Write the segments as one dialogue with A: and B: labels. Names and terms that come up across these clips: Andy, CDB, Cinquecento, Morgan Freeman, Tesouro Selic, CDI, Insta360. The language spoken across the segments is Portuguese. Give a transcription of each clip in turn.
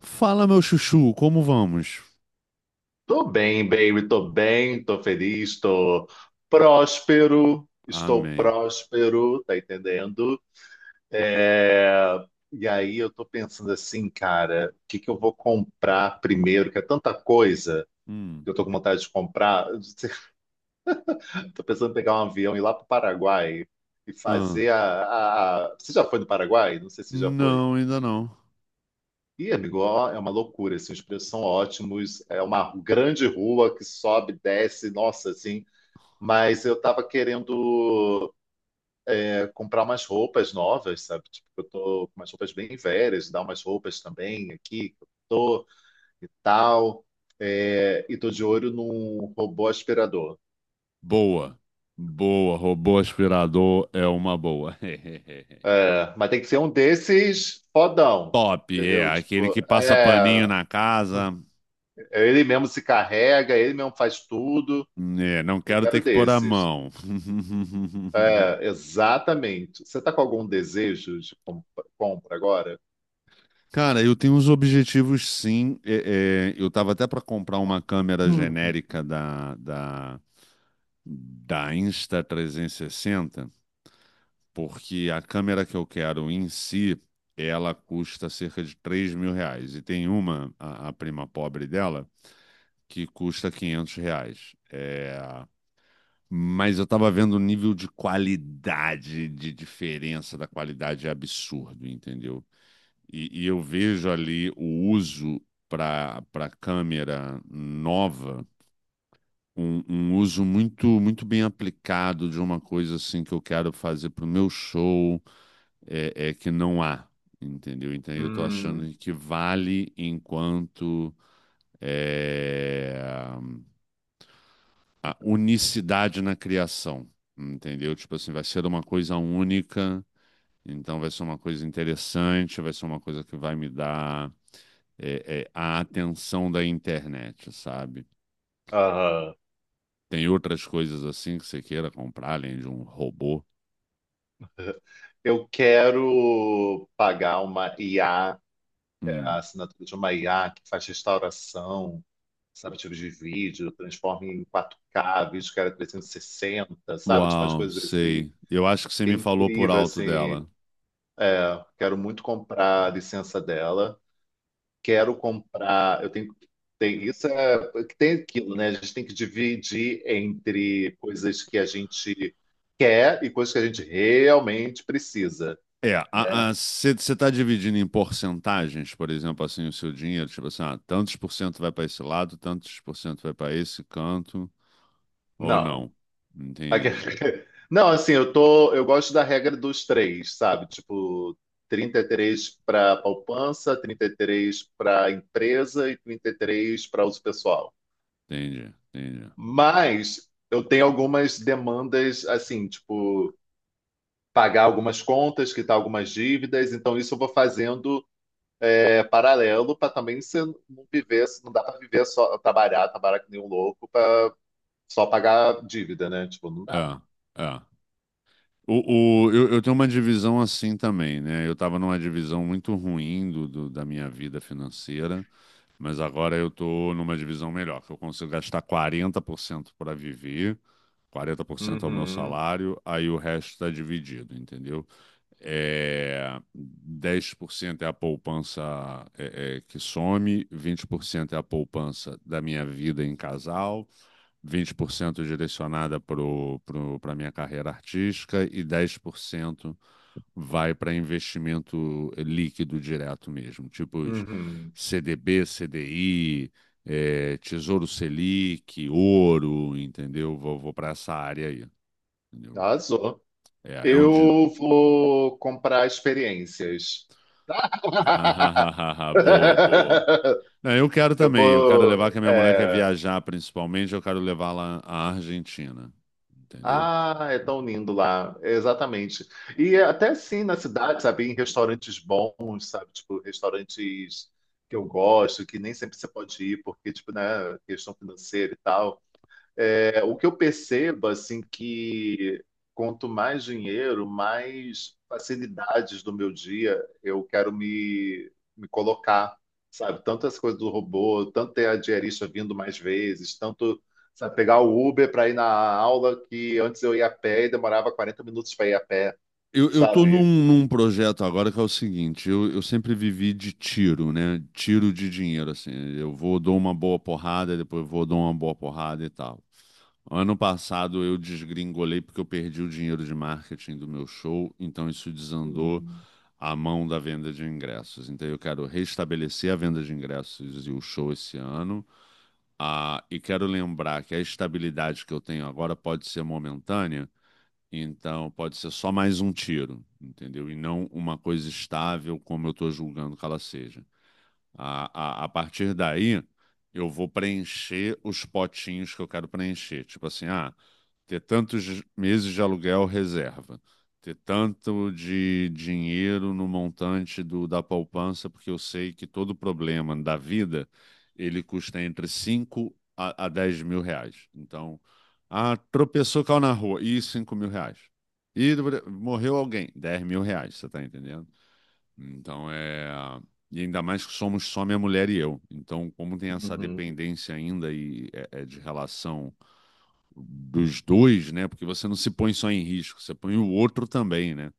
A: Fala, meu chuchu, como vamos?
B: Tô bem, baby, tô bem, tô feliz, tô próspero, estou
A: Amém.
B: próspero, tá entendendo? É. E aí eu tô pensando assim, cara, o que que eu vou comprar primeiro? Que é tanta coisa que
A: Hum.
B: eu tô com vontade de comprar. Tô pensando em pegar um avião e ir lá pro Paraguai e
A: Ah.
B: fazer Você já foi no Paraguai? Não sei se já foi.
A: Não, ainda não.
B: Ih, amigo, ó, é uma loucura, assim, os preços são ótimos, é uma grande rua que sobe, desce, nossa, assim. Mas eu tava querendo comprar umas roupas novas, sabe? Tipo, eu tô com umas roupas bem velhas, dar umas roupas também aqui, que eu tô e tal. É, e tô de olho num robô aspirador.
A: Boa. Boa. Robô aspirador é uma boa.
B: É, mas tem que ser um desses fodão,
A: Top, é.
B: entendeu?
A: Aquele
B: Tipo,
A: que passa paninho na casa.
B: ele mesmo se carrega, ele mesmo faz tudo.
A: É, não
B: Eu
A: quero ter
B: quero
A: que pôr a
B: desses.
A: mão.
B: É, exatamente. Você tá com algum desejo de compra agora?
A: Cara, eu tenho uns objetivos, sim. Eu tava até para comprar uma câmera
B: Hum.
A: genérica da Insta360. Porque a câmera que eu quero em si, ela custa cerca de R$ 3.000. E tem a prima pobre dela, que custa R$ 500. Mas eu tava vendo o nível de qualidade, de diferença da qualidade é absurdo, entendeu? E eu vejo ali o uso para câmera nova, um uso muito muito bem aplicado de uma coisa assim que eu quero fazer para o meu show, que não há, entendeu? Então eu estou
B: Hum.
A: achando que vale enquanto, é, a unicidade na criação, entendeu? Tipo assim, vai ser uma coisa única, então vai ser uma coisa interessante, vai ser uma coisa que vai me dar, a atenção da internet, sabe?
B: Aham.
A: Tem outras coisas assim que você queira comprar, além de um robô?
B: Eu quero pagar uma IA, a
A: Hum.
B: assinatura de uma IA que faz restauração, sabe, tipo de vídeo, transforma em 4K vídeo que era 360, sabe, tipo umas
A: Uau,
B: coisas assim,
A: sei. Eu acho que você
B: que é
A: me falou por
B: incrível,
A: alto
B: assim.
A: dela.
B: Quero muito comprar a licença dela. Quero comprar. Eu tenho. Tem, isso é. Tem aquilo, né? A gente tem que dividir entre coisas que a gente quer e coisas que a gente realmente precisa,
A: É,
B: né?
A: você está dividindo em porcentagens, por exemplo, assim, o seu dinheiro? Tipo assim, ah, tantos por cento vai para esse lado, tantos por cento vai para esse canto, ou
B: Não,
A: não?
B: Aque-
A: Entendi,
B: Não, assim, eu tô, eu gosto da regra dos três, sabe? Tipo, 33 para poupança, 33 para empresa e 33 para uso pessoal.
A: entendi, entendi.
B: Mas eu tenho algumas demandas, assim, tipo, pagar algumas contas, quitar algumas dívidas, então isso eu vou fazendo paralelo, para também você não viver, não dá para viver só trabalhar, trabalhar que nem um louco para só pagar dívida, né? Tipo, não dá.
A: É, é. Eu tenho uma divisão assim também, né? Eu estava numa divisão muito ruim da minha vida financeira. Mas agora eu tô numa divisão melhor, que eu consigo gastar 40% para viver, 40% é o meu
B: Uhum,
A: salário, aí o resto está dividido, entendeu? É, 10% é a poupança, que some, 20% é a poupança da minha vida em casal, 20% direcionada para a minha carreira artística e 10% vai para investimento líquido direto mesmo, tipo os
B: uhum.
A: CDB, CDI, Tesouro Selic, ouro, entendeu? Vou para essa área aí, entendeu?
B: Arrasou.
A: É, é onde.
B: Eu vou comprar experiências.
A: Boa, boa. Não, eu quero
B: Eu
A: também, eu quero levar,
B: vou.
A: que a minha mulher quer viajar principalmente, eu quero levá-la à Argentina, entendeu?
B: Ah, é tão lindo lá, exatamente. E é até sim na cidade, sabe, em restaurantes bons, sabe, tipo restaurantes que eu gosto, que nem sempre você pode ir porque tipo, né, questão financeira e tal. É, o que eu percebo, assim, que quanto mais dinheiro, mais facilidades do meu dia eu quero me colocar, sabe? Tanto essa coisa do robô, tanto ter a diarista vindo mais vezes, tanto, sabe, pegar o Uber para ir na aula que antes eu ia a pé e demorava 40 minutos para ir a pé,
A: Eu tô num,
B: sabe?
A: num projeto agora que é o seguinte, eu sempre vivi de tiro, né? Tiro de dinheiro, assim. Eu vou, dou uma boa porrada, depois vou, dou uma boa porrada e tal. Ano passado eu desgringolei porque eu perdi o dinheiro de marketing do meu show, então isso desandou
B: Uhum.
A: a mão da venda de ingressos. Então eu quero restabelecer a venda de ingressos e o show esse ano. Ah, e quero lembrar que a estabilidade que eu tenho agora pode ser momentânea, então pode ser só mais um tiro, entendeu? E não uma coisa estável, como eu estou julgando que ela seja. A, a partir daí, eu vou preencher os potinhos que eu quero preencher. Tipo assim, ah, ter tantos meses de aluguel reserva, ter tanto de dinheiro no montante da poupança, porque eu sei que todo problema da vida, ele custa entre 5 a 10 mil reais. Então, ah, tropeçou, caiu na rua, e R$ 5.000. E morreu alguém, R$ 10.000, você tá entendendo? Então é. E ainda mais que somos só minha mulher e eu. Então, como tem essa
B: Uhum.
A: dependência ainda e é de relação dos dois, né? Porque você não se põe só em risco, você põe o outro também, né?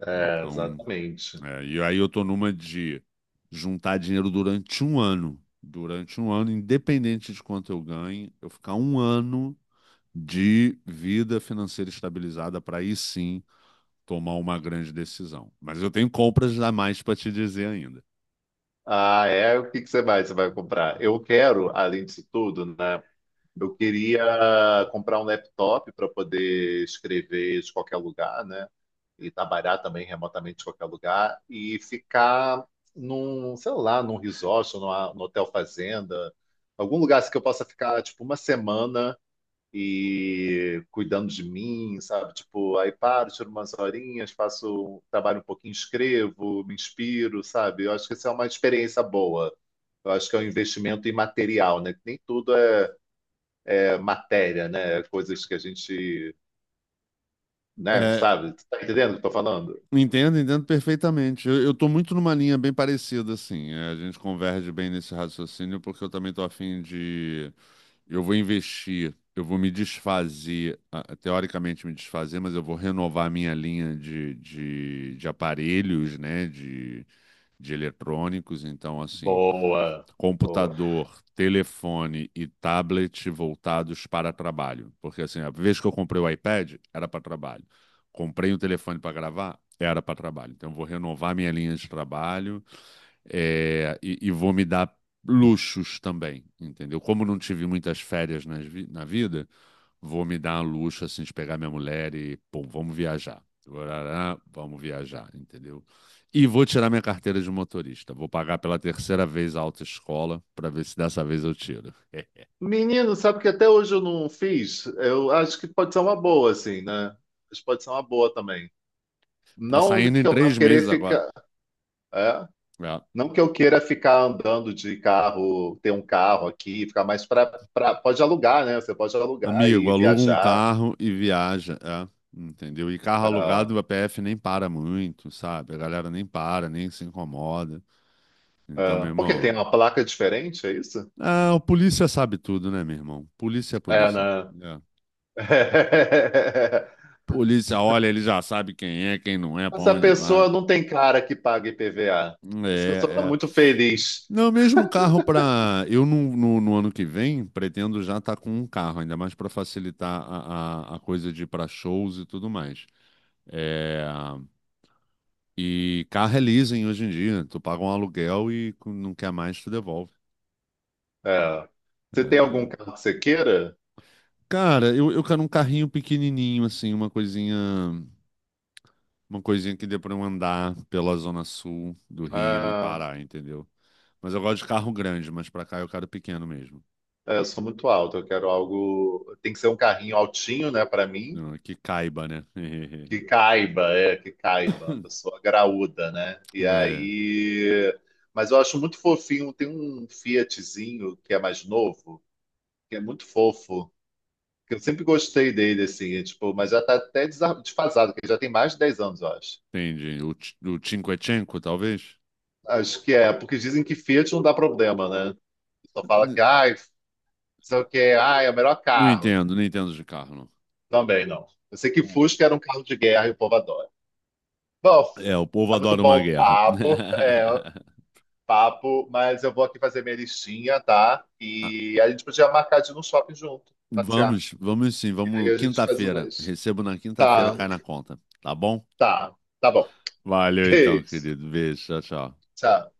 B: É,
A: Então,
B: exatamente.
A: e aí eu tô numa de juntar dinheiro durante um ano. Durante um ano, independente de quanto eu ganhe, eu ficar um ano de vida financeira estabilizada para aí sim tomar uma grande decisão. Mas eu tenho compras a mais para te dizer ainda.
B: Ah, é? O que que você vai comprar? Eu quero, além disso tudo, né? Eu queria comprar um laptop para poder escrever de qualquer lugar, né? E trabalhar também remotamente de qualquer lugar e ficar num, sei lá, num resort, numa, num hotel fazenda, algum lugar assim que eu possa ficar tipo uma semana e cuidando de mim, sabe? Tipo, aí paro, tiro umas horinhas, faço, um, trabalho um pouquinho, escrevo, me inspiro, sabe? Eu acho que essa é uma experiência boa. Eu acho que é um investimento imaterial, né? Nem tudo é matéria, né? Coisas que a gente, né,
A: É,
B: sabe? Tu tá entendendo o que eu tô falando?
A: entendo, entendo perfeitamente. Eu tô muito numa linha bem parecida, assim. É, a gente converge bem nesse raciocínio, porque eu também tô afim de. Eu vou investir, eu vou me desfazer, ah, teoricamente me desfazer, mas eu vou renovar a minha linha de aparelhos, né? De eletrônicos. Então, assim,
B: Boa, boa.
A: computador, telefone e tablet voltados para trabalho. Porque assim, a vez que eu comprei o iPad, era para trabalho. Comprei um telefone para gravar, era para trabalho. Então, eu vou renovar minha linha de trabalho, e vou me dar luxos também, entendeu? Como não tive muitas férias na vida, vou me dar um luxo assim de pegar minha mulher e, pô, vamos viajar. Vamos viajar, entendeu? E vou tirar minha carteira de motorista. Vou pagar pela terceira vez a autoescola para ver se dessa vez eu tiro.
B: Menino, sabe que até hoje eu não fiz? Eu acho que pode ser uma boa, assim, né? Mas pode ser uma boa também.
A: Tá
B: Não
A: saindo em
B: que eu vá
A: três
B: querer
A: meses agora.
B: ficar. é,
A: É.
B: Não que eu queira ficar andando de carro, ter um carro aqui, ficar mais para. Pode alugar, né? Você pode alugar
A: Amigo,
B: e
A: aluga um
B: viajar.
A: carro e viaja. É. Entendeu? E carro
B: Ah,
A: alugado, a PF nem para muito, sabe? A galera nem para, nem se incomoda. Então, meu
B: ah. Porque tem
A: irmão,
B: uma placa diferente, é isso?
A: ó, ah, o polícia sabe tudo, né, meu irmão? Polícia é
B: É,
A: polícia.
B: né?
A: É. Polícia olha, ele já sabe quem é, quem não é, pra
B: Essa
A: onde vai.
B: pessoa não tem cara que paga IPVA. Essa pessoa está
A: É, é.
B: muito feliz.
A: Não, mesmo carro pra. Eu no ano que vem pretendo já estar com um carro, ainda mais pra facilitar a coisa de ir pra shows e tudo mais. É, e carro é leasing hoje em dia. Tu paga um aluguel e não quer mais, tu devolve.
B: É.
A: É,
B: Você tem algum
A: então-
B: carro que você queira?
A: Cara, eu quero um carrinho pequenininho, assim, uma coisinha. Uma coisinha que dê pra eu andar pela zona sul do Rio e
B: Ah,
A: parar, entendeu? Mas eu gosto de carro grande, mas pra cá eu quero pequeno mesmo.
B: é, eu sou muito alto, eu quero algo. Tem que ser um carrinho altinho, né, para mim,
A: Não, que caiba, né?
B: que caiba, que caiba, uma pessoa graúda, né? E
A: É,
B: aí. Mas eu acho muito fofinho, tem um Fiatzinho que é mais novo, que é muito fofo, que eu sempre gostei dele, assim, tipo, mas já tá até desfasado, que ele já tem mais de 10 anos, eu acho.
A: entendi. O Cinquecento, talvez?
B: Acho que é, porque dizem que Fiat não dá problema, né? Só fala que,
A: N-
B: ai, sei o quê, ai, é o melhor
A: Não
B: carro.
A: entendo, não entendo de carro, não.
B: Também não. Eu sei que
A: Uhum.
B: Fusca era um carro de guerra e o povo adora. Bom,
A: É, o povo
B: tá muito
A: adora
B: bom
A: uma
B: o
A: guerra.
B: papo, é, papo, mas eu vou aqui fazer minha listinha, tá?
A: Ah,
B: E a gente podia marcar de ir no shopping junto, passear.
A: vamos, vamos sim,
B: E aí
A: vamos
B: a gente faz o
A: quinta-feira.
B: mais.
A: Recebo na quinta-feira,
B: Tá,
A: cai na conta, tá bom?
B: tá, tá bom.
A: Valeu então,
B: Beijo.
A: querido. Beijo, tchau, tchau.
B: Tchau.